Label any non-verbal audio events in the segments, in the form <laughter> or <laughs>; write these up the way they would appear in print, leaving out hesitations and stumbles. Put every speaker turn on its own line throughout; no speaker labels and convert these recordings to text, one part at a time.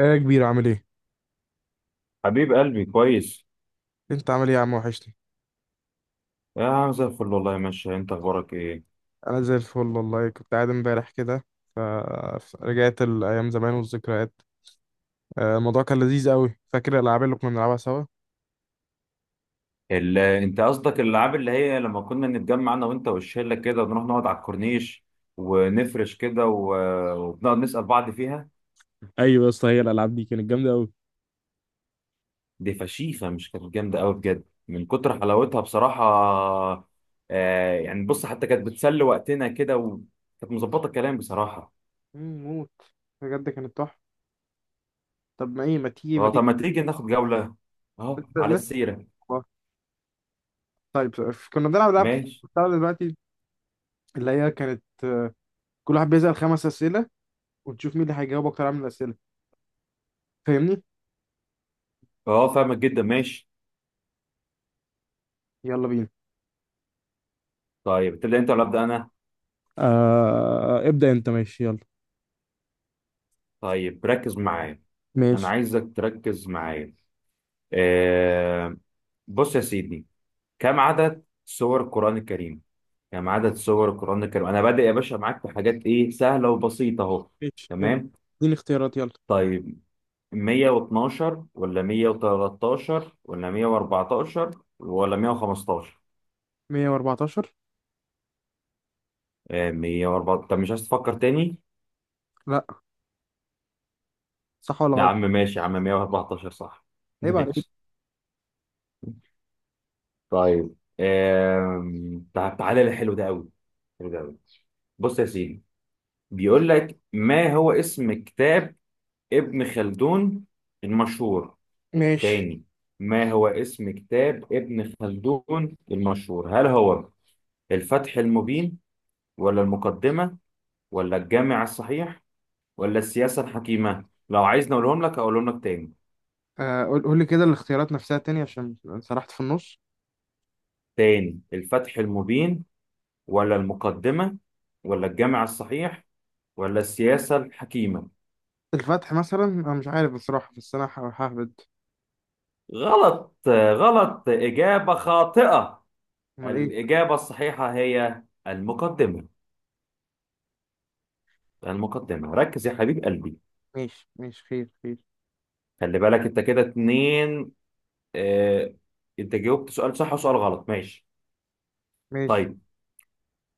ايه يا كبير، عامل ايه؟
حبيب قلبي كويس.
انت عامل ايه يا عم، وحشني.
يا عم زي الفل، والله ماشي. انت اخبارك ايه؟
انا زي الفل والله. كنت قاعد امبارح كده، فرجعت الايام زمان والذكريات. الموضوع كان لذيذ قوي، فاكر الالعاب اللي كنا بنلعبها سوا؟
انت قصدك الالعاب اللي هي لما كنا نتجمع انا وانت والشله كده، ونروح نقعد على الكورنيش ونفرش كده وبنقعد نسال بعض فيها.
ايوه يا اسطى، هي الالعاب دي كانت جامده قوي.
دي فشيخه، مش كانت جامده قوي بجد من كتر حلاوتها بصراحه. آه، يعني بص، حتى كانت بتسلي وقتنا كده، وكانت مظبطه الكلام بصراحه.
موت. بجد كانت تحفه. طب ما ايه، ما تيجي ما
اه،
تيجي.
طب ما تيجي ناخد جوله. اه،
لسه
على
لسه.
السيره.
والله. طيب، كنا بنلعب العاب كتير
ماشي.
بتاع دلوقتي، اللي هي كانت، كل واحد بيسأل خمس اسئله، وتشوف مين اللي هيجاوب اكتر عن الاسئله، فاهمني؟
اه، فاهمك جدا. ماشي.
يلا بينا.
طيب، تبدا انت ولا ابدا انا؟
ابدا انت، ماشي يلا.
طيب ركز معايا. انا
ماشي،
عايزك تركز معايا. آه. بص يا سيدي، كم عدد سور القرآن الكريم؟ كم عدد سور القرآن الكريم؟ انا بادئ يا باشا معاك في حاجات ايه سهلة وبسيطة اهو.
ماشي، يبقى.
تمام.
اديني اختيارات، يلا.
طيب، 112 ولا 113 ولا 114 ولا 115؟
114.
114؟ طب مش عايز تفكر تاني؟
لا. صح ولا
يا
غلط؟
عم ماشي، يا عم 114 صح <laughs>
عيب عليك.
ماشي. طيب، تعالى للحلو ده قوي. حلو ده. بص يا سيدي، بيقول لك ما هو اسم كتاب ابن خلدون المشهور.
ماشي.
تاني، ما هو اسم كتاب ابن خلدون المشهور؟ هل هو الفتح المبين ولا المقدمة ولا الجامع الصحيح ولا السياسة الحكيمة؟ لو عايزني اقولهم لك تاني.
قول قول لي كده الاختيارات نفسها تاني، عشان سرحت في النص.
تاني، الفتح المبين ولا المقدمة ولا الجامع الصحيح ولا السياسة الحكيمة؟
الفتح مثلا، انا مش عارف بصراحة، بس انا ههبد.
غلط. غلط، إجابة خاطئة.
امال ايه؟
الإجابة الصحيحة هي المقدمة. المقدمة، ركز يا حبيب قلبي.
ماشي، ماشي، خير، خير.
خلي بالك أنت كده اتنين. اه، أنت جاوبت سؤال صح وسؤال غلط. ماشي.
ماشي.
طيب،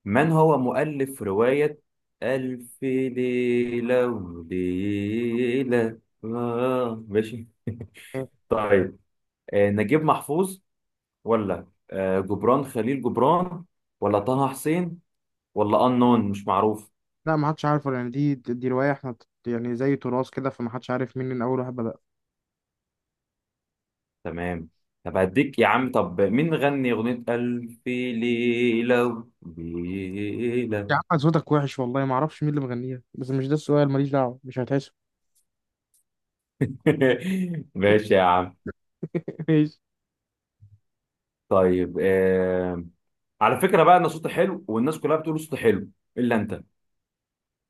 من هو مؤلف رواية ألف ليلة وليلة؟ ماشي.
خير.
طيب، اه نجيب محفوظ، ولا اه جبران خليل جبران، ولا طه حسين، ولا أنون مش معروف؟
لا، ما حدش عارفه، يعني دي رواية، احنا يعني زي تراث كده، فما حدش عارف مين اللي اول واحد بدأ.
تمام. طب هديك يا عم، طب مين غني أغنية ألف ليلة ليلة؟
يا عم صوتك وحش والله، ما اعرفش مين اللي مغنيها، بس مش ده السؤال، ماليش دعوة، مش هتحسب.
<laughs> ماشي يا عم.
<laughs> ماشي.
طيب، على فكرة بقى، أنا صوتي حلو، والناس كلها بتقول صوتي حلو، إلا أنت.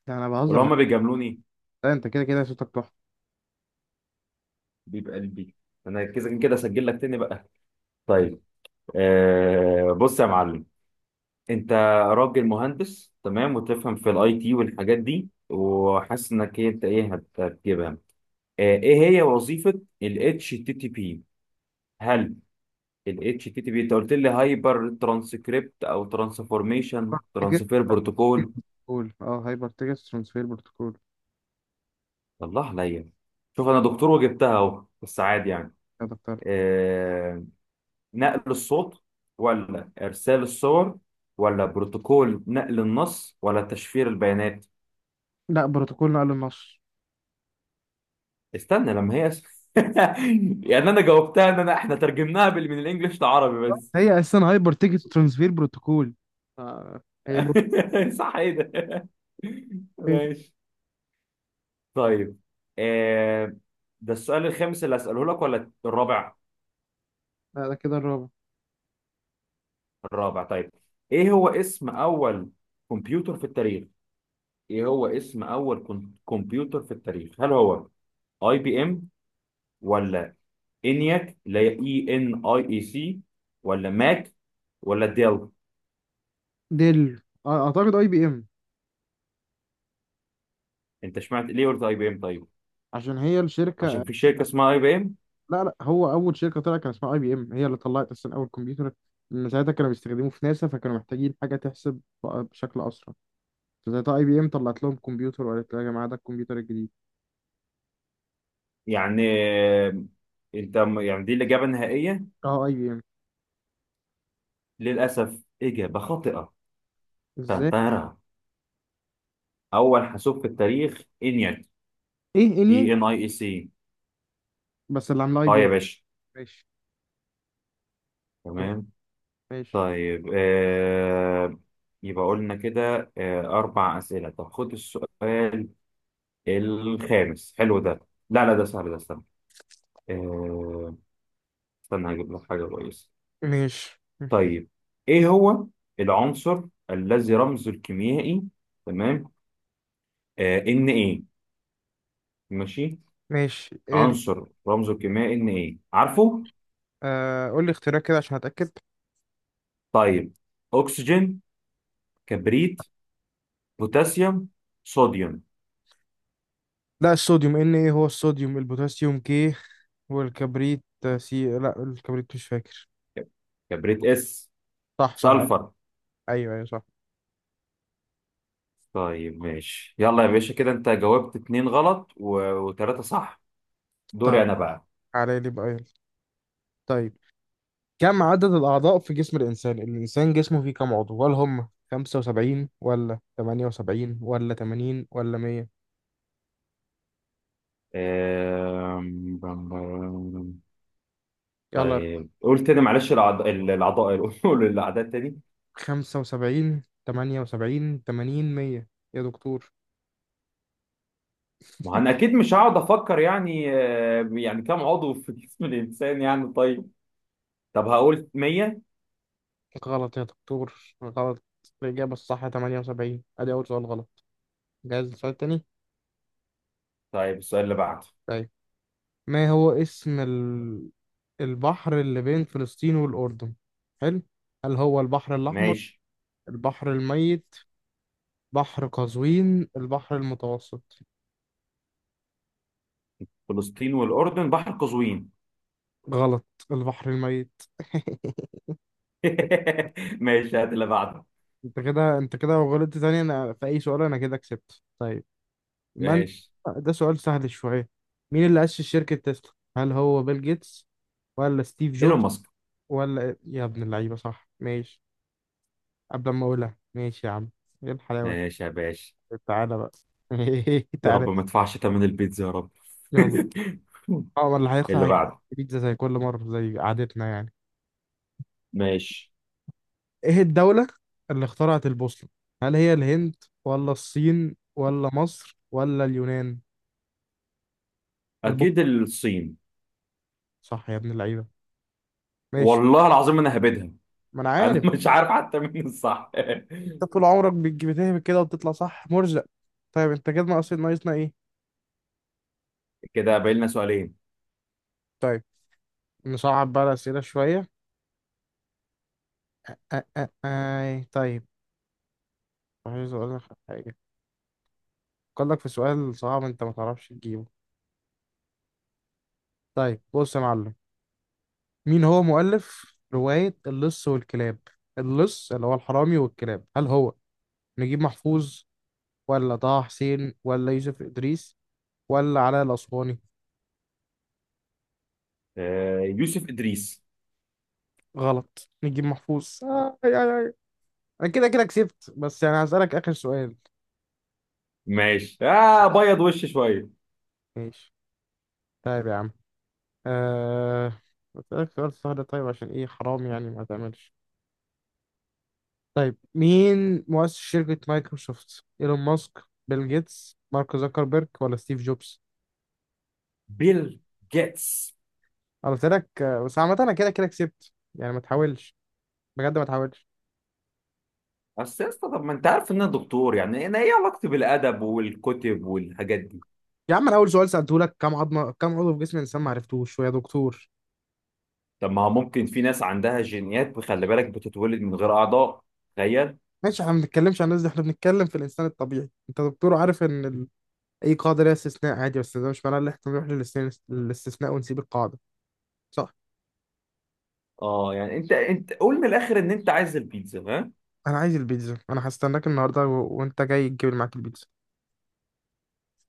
لا، انا بهزر
ولا
معاك.
هما بيجاملوني؟
لا، انت كده كده صوتك تحفة.
بيبقى قلبي. أنا كده كده أسجل لك تاني بقى. طيب، بص يا معلم. أنت راجل مهندس تمام، وتفهم في الأي تي والحاجات دي، وحاسس إنك أنت هتجيبها. إيه هي وظيفة ال HTTP؟ هل ال HTTP انت قلت لي هايبر ترانسكريبت او ترانسفورميشن
جيت
ترانسفير
جيت
بروتوكول؟
بروتوكول، هايبر تيكت ترانسفير بروتوكول.
الله عليا. شوف، انا دكتور وجبتها اهو، بس عادي يعني.
هذا بتاع.
آه... نقل الصوت، ولا ارسال الصور، ولا بروتوكول نقل النص، ولا تشفير البيانات؟
لا، بروتوكول نقل النص.
استنى لما هي <laughs> يعني انا جاوبتها ان انا احنا ترجمناها من الانجليش لعربي بس.
هي اساسا هايبر تيكت ترانسفير بروتوكول. آه هي بروتوكول.
<laughs> صح، ايه ده؟ <laughs> ماشي. طيب، آه ده السؤال الخامس اللي هسأله لك ولا الرابع؟
لا، ده كده الرابع.
الرابع، طيب. ايه هو اسم اول كمبيوتر في التاريخ؟ ايه هو اسم اول كمبيوتر في التاريخ؟ هل هو اي بي ام، ولا انياك اللي هي اي ان اي اي سي، ولا ماك، ولا ديل؟
ديل. اعتقد اي بي ام.
انت سمعت ليه قلت اي بي ام طيب؟
عشان هي
عشان
الشركه.
في شركة اسمها اي بي ام
لا، لا، هو اول شركه طلع كان اسمها اي بي ام، هي اللي طلعت اصلا اول كمبيوتر. من ساعتها كانوا بيستخدموه في ناسا، فكانوا محتاجين حاجه تحسب بقى بشكل اسرع. فساعتها اي بي ام طلعت لهم كمبيوتر وقالت لها، يا جماعه ده الكمبيوتر الجديد.
يعني. آه، انت يعني دي الإجابة النهائية؟
اه اي بي ام.
للأسف، إجابة خاطئة.
ازاي؟
تنتهرها. اول حاسوب في التاريخ انياك،
ايه انيل؟
اي ان اي اي سي.
بس اللي عامله اي
اه
بي ام.
يا باشا.
ماشي. طب.
تمام.
ماشي،
طيب، يبقى قلنا كده اربع اسئله. طب خد السؤال الخامس، حلو ده. لا لا، ده سهل، ده استنى. آه استنى هجيب لك حاجه كويسه.
ماشي،
طيب، ايه هو العنصر الذي رمزه الكيميائي؟ تمام. ان ايه. ماشي.
ماشي.
عنصر رمزه الكيميائي ان ايه، عارفه؟
قول لي اختيارات كده عشان اتاكد.
طيب، اكسجين، كبريت، بوتاسيوم، صوديوم؟
لا، الصوديوم ان ايه، هو الصوديوم، البوتاسيوم كي. والكبريت سي. لا، الكبريت مش فاكر.
كبريت اس.
صح، صح.
سلفر.
ايوه، ايوه، صح.
طيب ماشي، يلا يا باشا، كده انت جاوبت اتنين غلط وتلاتة صح.
طيب.
دوري انا بقى.
على لي بقى، يلا. طيب. كم عدد الاعضاء في جسم الانسان؟ الانسان جسمه فيه كم عضو؟ هل هم 75 ولا 78 ولا 80 ولا 100؟
أم... بم- بم-
يلا.
طيب قول تاني، معلش. الأعضاء <laughs> قول الأعداء تاني.
75، 78، 80، 100. يا دكتور.
ما أنا أكيد مش هقعد أفكر يعني، يعني كم عضو في جسم الإنسان يعني؟ طيب، طب هقول 100.
غلط يا دكتور، غلط. الإجابة الصح 78. أدي أول سؤال غلط. جاهز للسؤال التاني؟
طيب السؤال اللي بعده.
طيب، ما هو اسم البحر اللي بين فلسطين والأردن؟ حلو. هل هو البحر الأحمر،
ماشي.
البحر الميت، بحر قزوين، البحر المتوسط؟
فلسطين والأردن، بحر قزوين.
غلط. البحر الميت. <laughs>
<laughs> ماشي، هات اللي بعده.
انت كده لو غلطت تاني انا في اي سؤال، انا كده كسبت، طيب. من
ماشي.
ده سؤال سهل شوية. مين اللي أسس شركة تسلا؟ هل هو بيل جيتس ولا ستيف
ايلون
جوبز
ماسك.
ولا إيه؟ يا ابن اللعيبة صح. ماشي. قبل ما أقولها ماشي يا عم. إيه الحلاوة.
ماشي يا باشا.
دي، تعالى بقى. <laughs>
يا
تعالى.
رب ما ادفعش ثمن البيتزا، يا رب.
يلا.
<laughs>
اه، ولا هيخسر،
اللي
هيجيب.
بعده.
بيتزا زي كل مرة زي عادتنا يعني.
ماشي.
إيه الدولة اللي اخترعت البوصلة؟ هل هي الهند ولا الصين ولا مصر ولا اليونان؟
اكيد
البوصلة.
الصين.
صح يا ابن اللعيبة. ماشي.
والله العظيم انا هبدها.
ما أنا
انا
عارف.
<laughs> مش عارف حتى مين الصح
أنت
<laughs>
طول عمرك بتهبط كده وبتطلع صح، مرزق. طيب أنت كده ناقصنا إيه؟
كده باقي لنا سؤالين.
طيب، نصعب بقى الأسئلة شوية. أه أه أه. طيب. عايز اقول لك على حاجه. قال لك في سؤال صعب انت ما تعرفش تجيبه. طيب بص يا معلم. مين هو مؤلف روايه اللص والكلاب؟ اللص اللي هو الحرامي والكلاب. هل هو نجيب محفوظ ولا طه حسين ولا يوسف ادريس ولا علاء الاسواني؟
يوسف ادريس.
غلط، نجيب محفوظ. آه آي آي آي. انا كده كده كسبت، بس يعني هسالك اخر سؤال.
ماشي، بيض وش شويه.
ماشي. طيب يا عم. آه... بسألك سؤال سهل طيب، عشان ايه حرام يعني ما تعملش. طيب، مين مؤسس شركة مايكروسوفت؟ ايلون ماسك، بيل جيتس، مارك زوكربيرج، ولا ستيف جوبز؟
بيل جيتس.
انا قلت لك. بس عامة انا كده كده كسبت يعني ما تحاولش. بجد ما تحاولش.
بس يا اسطى، طب ما انت عارف ان انا دكتور، يعني انا ايه علاقتي بالادب والكتب والحاجات دي؟
يا عم، انا اول سؤال سألته لك، كم عضو في جسم الانسان، ما عرفتوش، ويا دكتور.
طب ما هو ممكن في ناس عندها جينيات، خلي بالك، بتتولد من غير اعضاء. تخيل.
ماشي، احنا ما بنتكلمش عن الناس دي، احنا بنتكلم في الانسان الطبيعي، انت دكتور عارف ان اي قاعدة ليها استثناء عادي، بس ده مش معناه ان احنا نروح للاستثناء ونسيب القاعدة. صح.
اه يعني انت قول من الاخر ان انت عايز البيتزا ها.
انا عايز البيتزا، انا هستناك النهارده وانت جاي تجيب معاك البيتزا.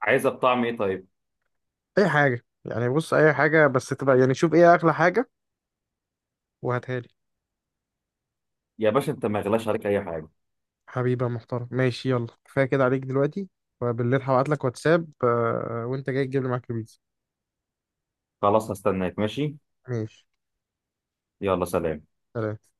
عايزها بطعم ايه طيب؟
اي حاجه يعني، بص، اي حاجه بس تبقى يعني، شوف ايه اغلى حاجه وهاتها لي.
يا باشا انت ما غلاش عليك اي حاجه.
حبيبي يا محترم، ماشي، يلا كفايه كده عليك دلوقتي. وبالليل هبعت لك واتساب، وانت جاي تجيب لي معاك البيتزا.
خلاص هستناك ماشي.
ماشي.
يلا سلام.
سلام.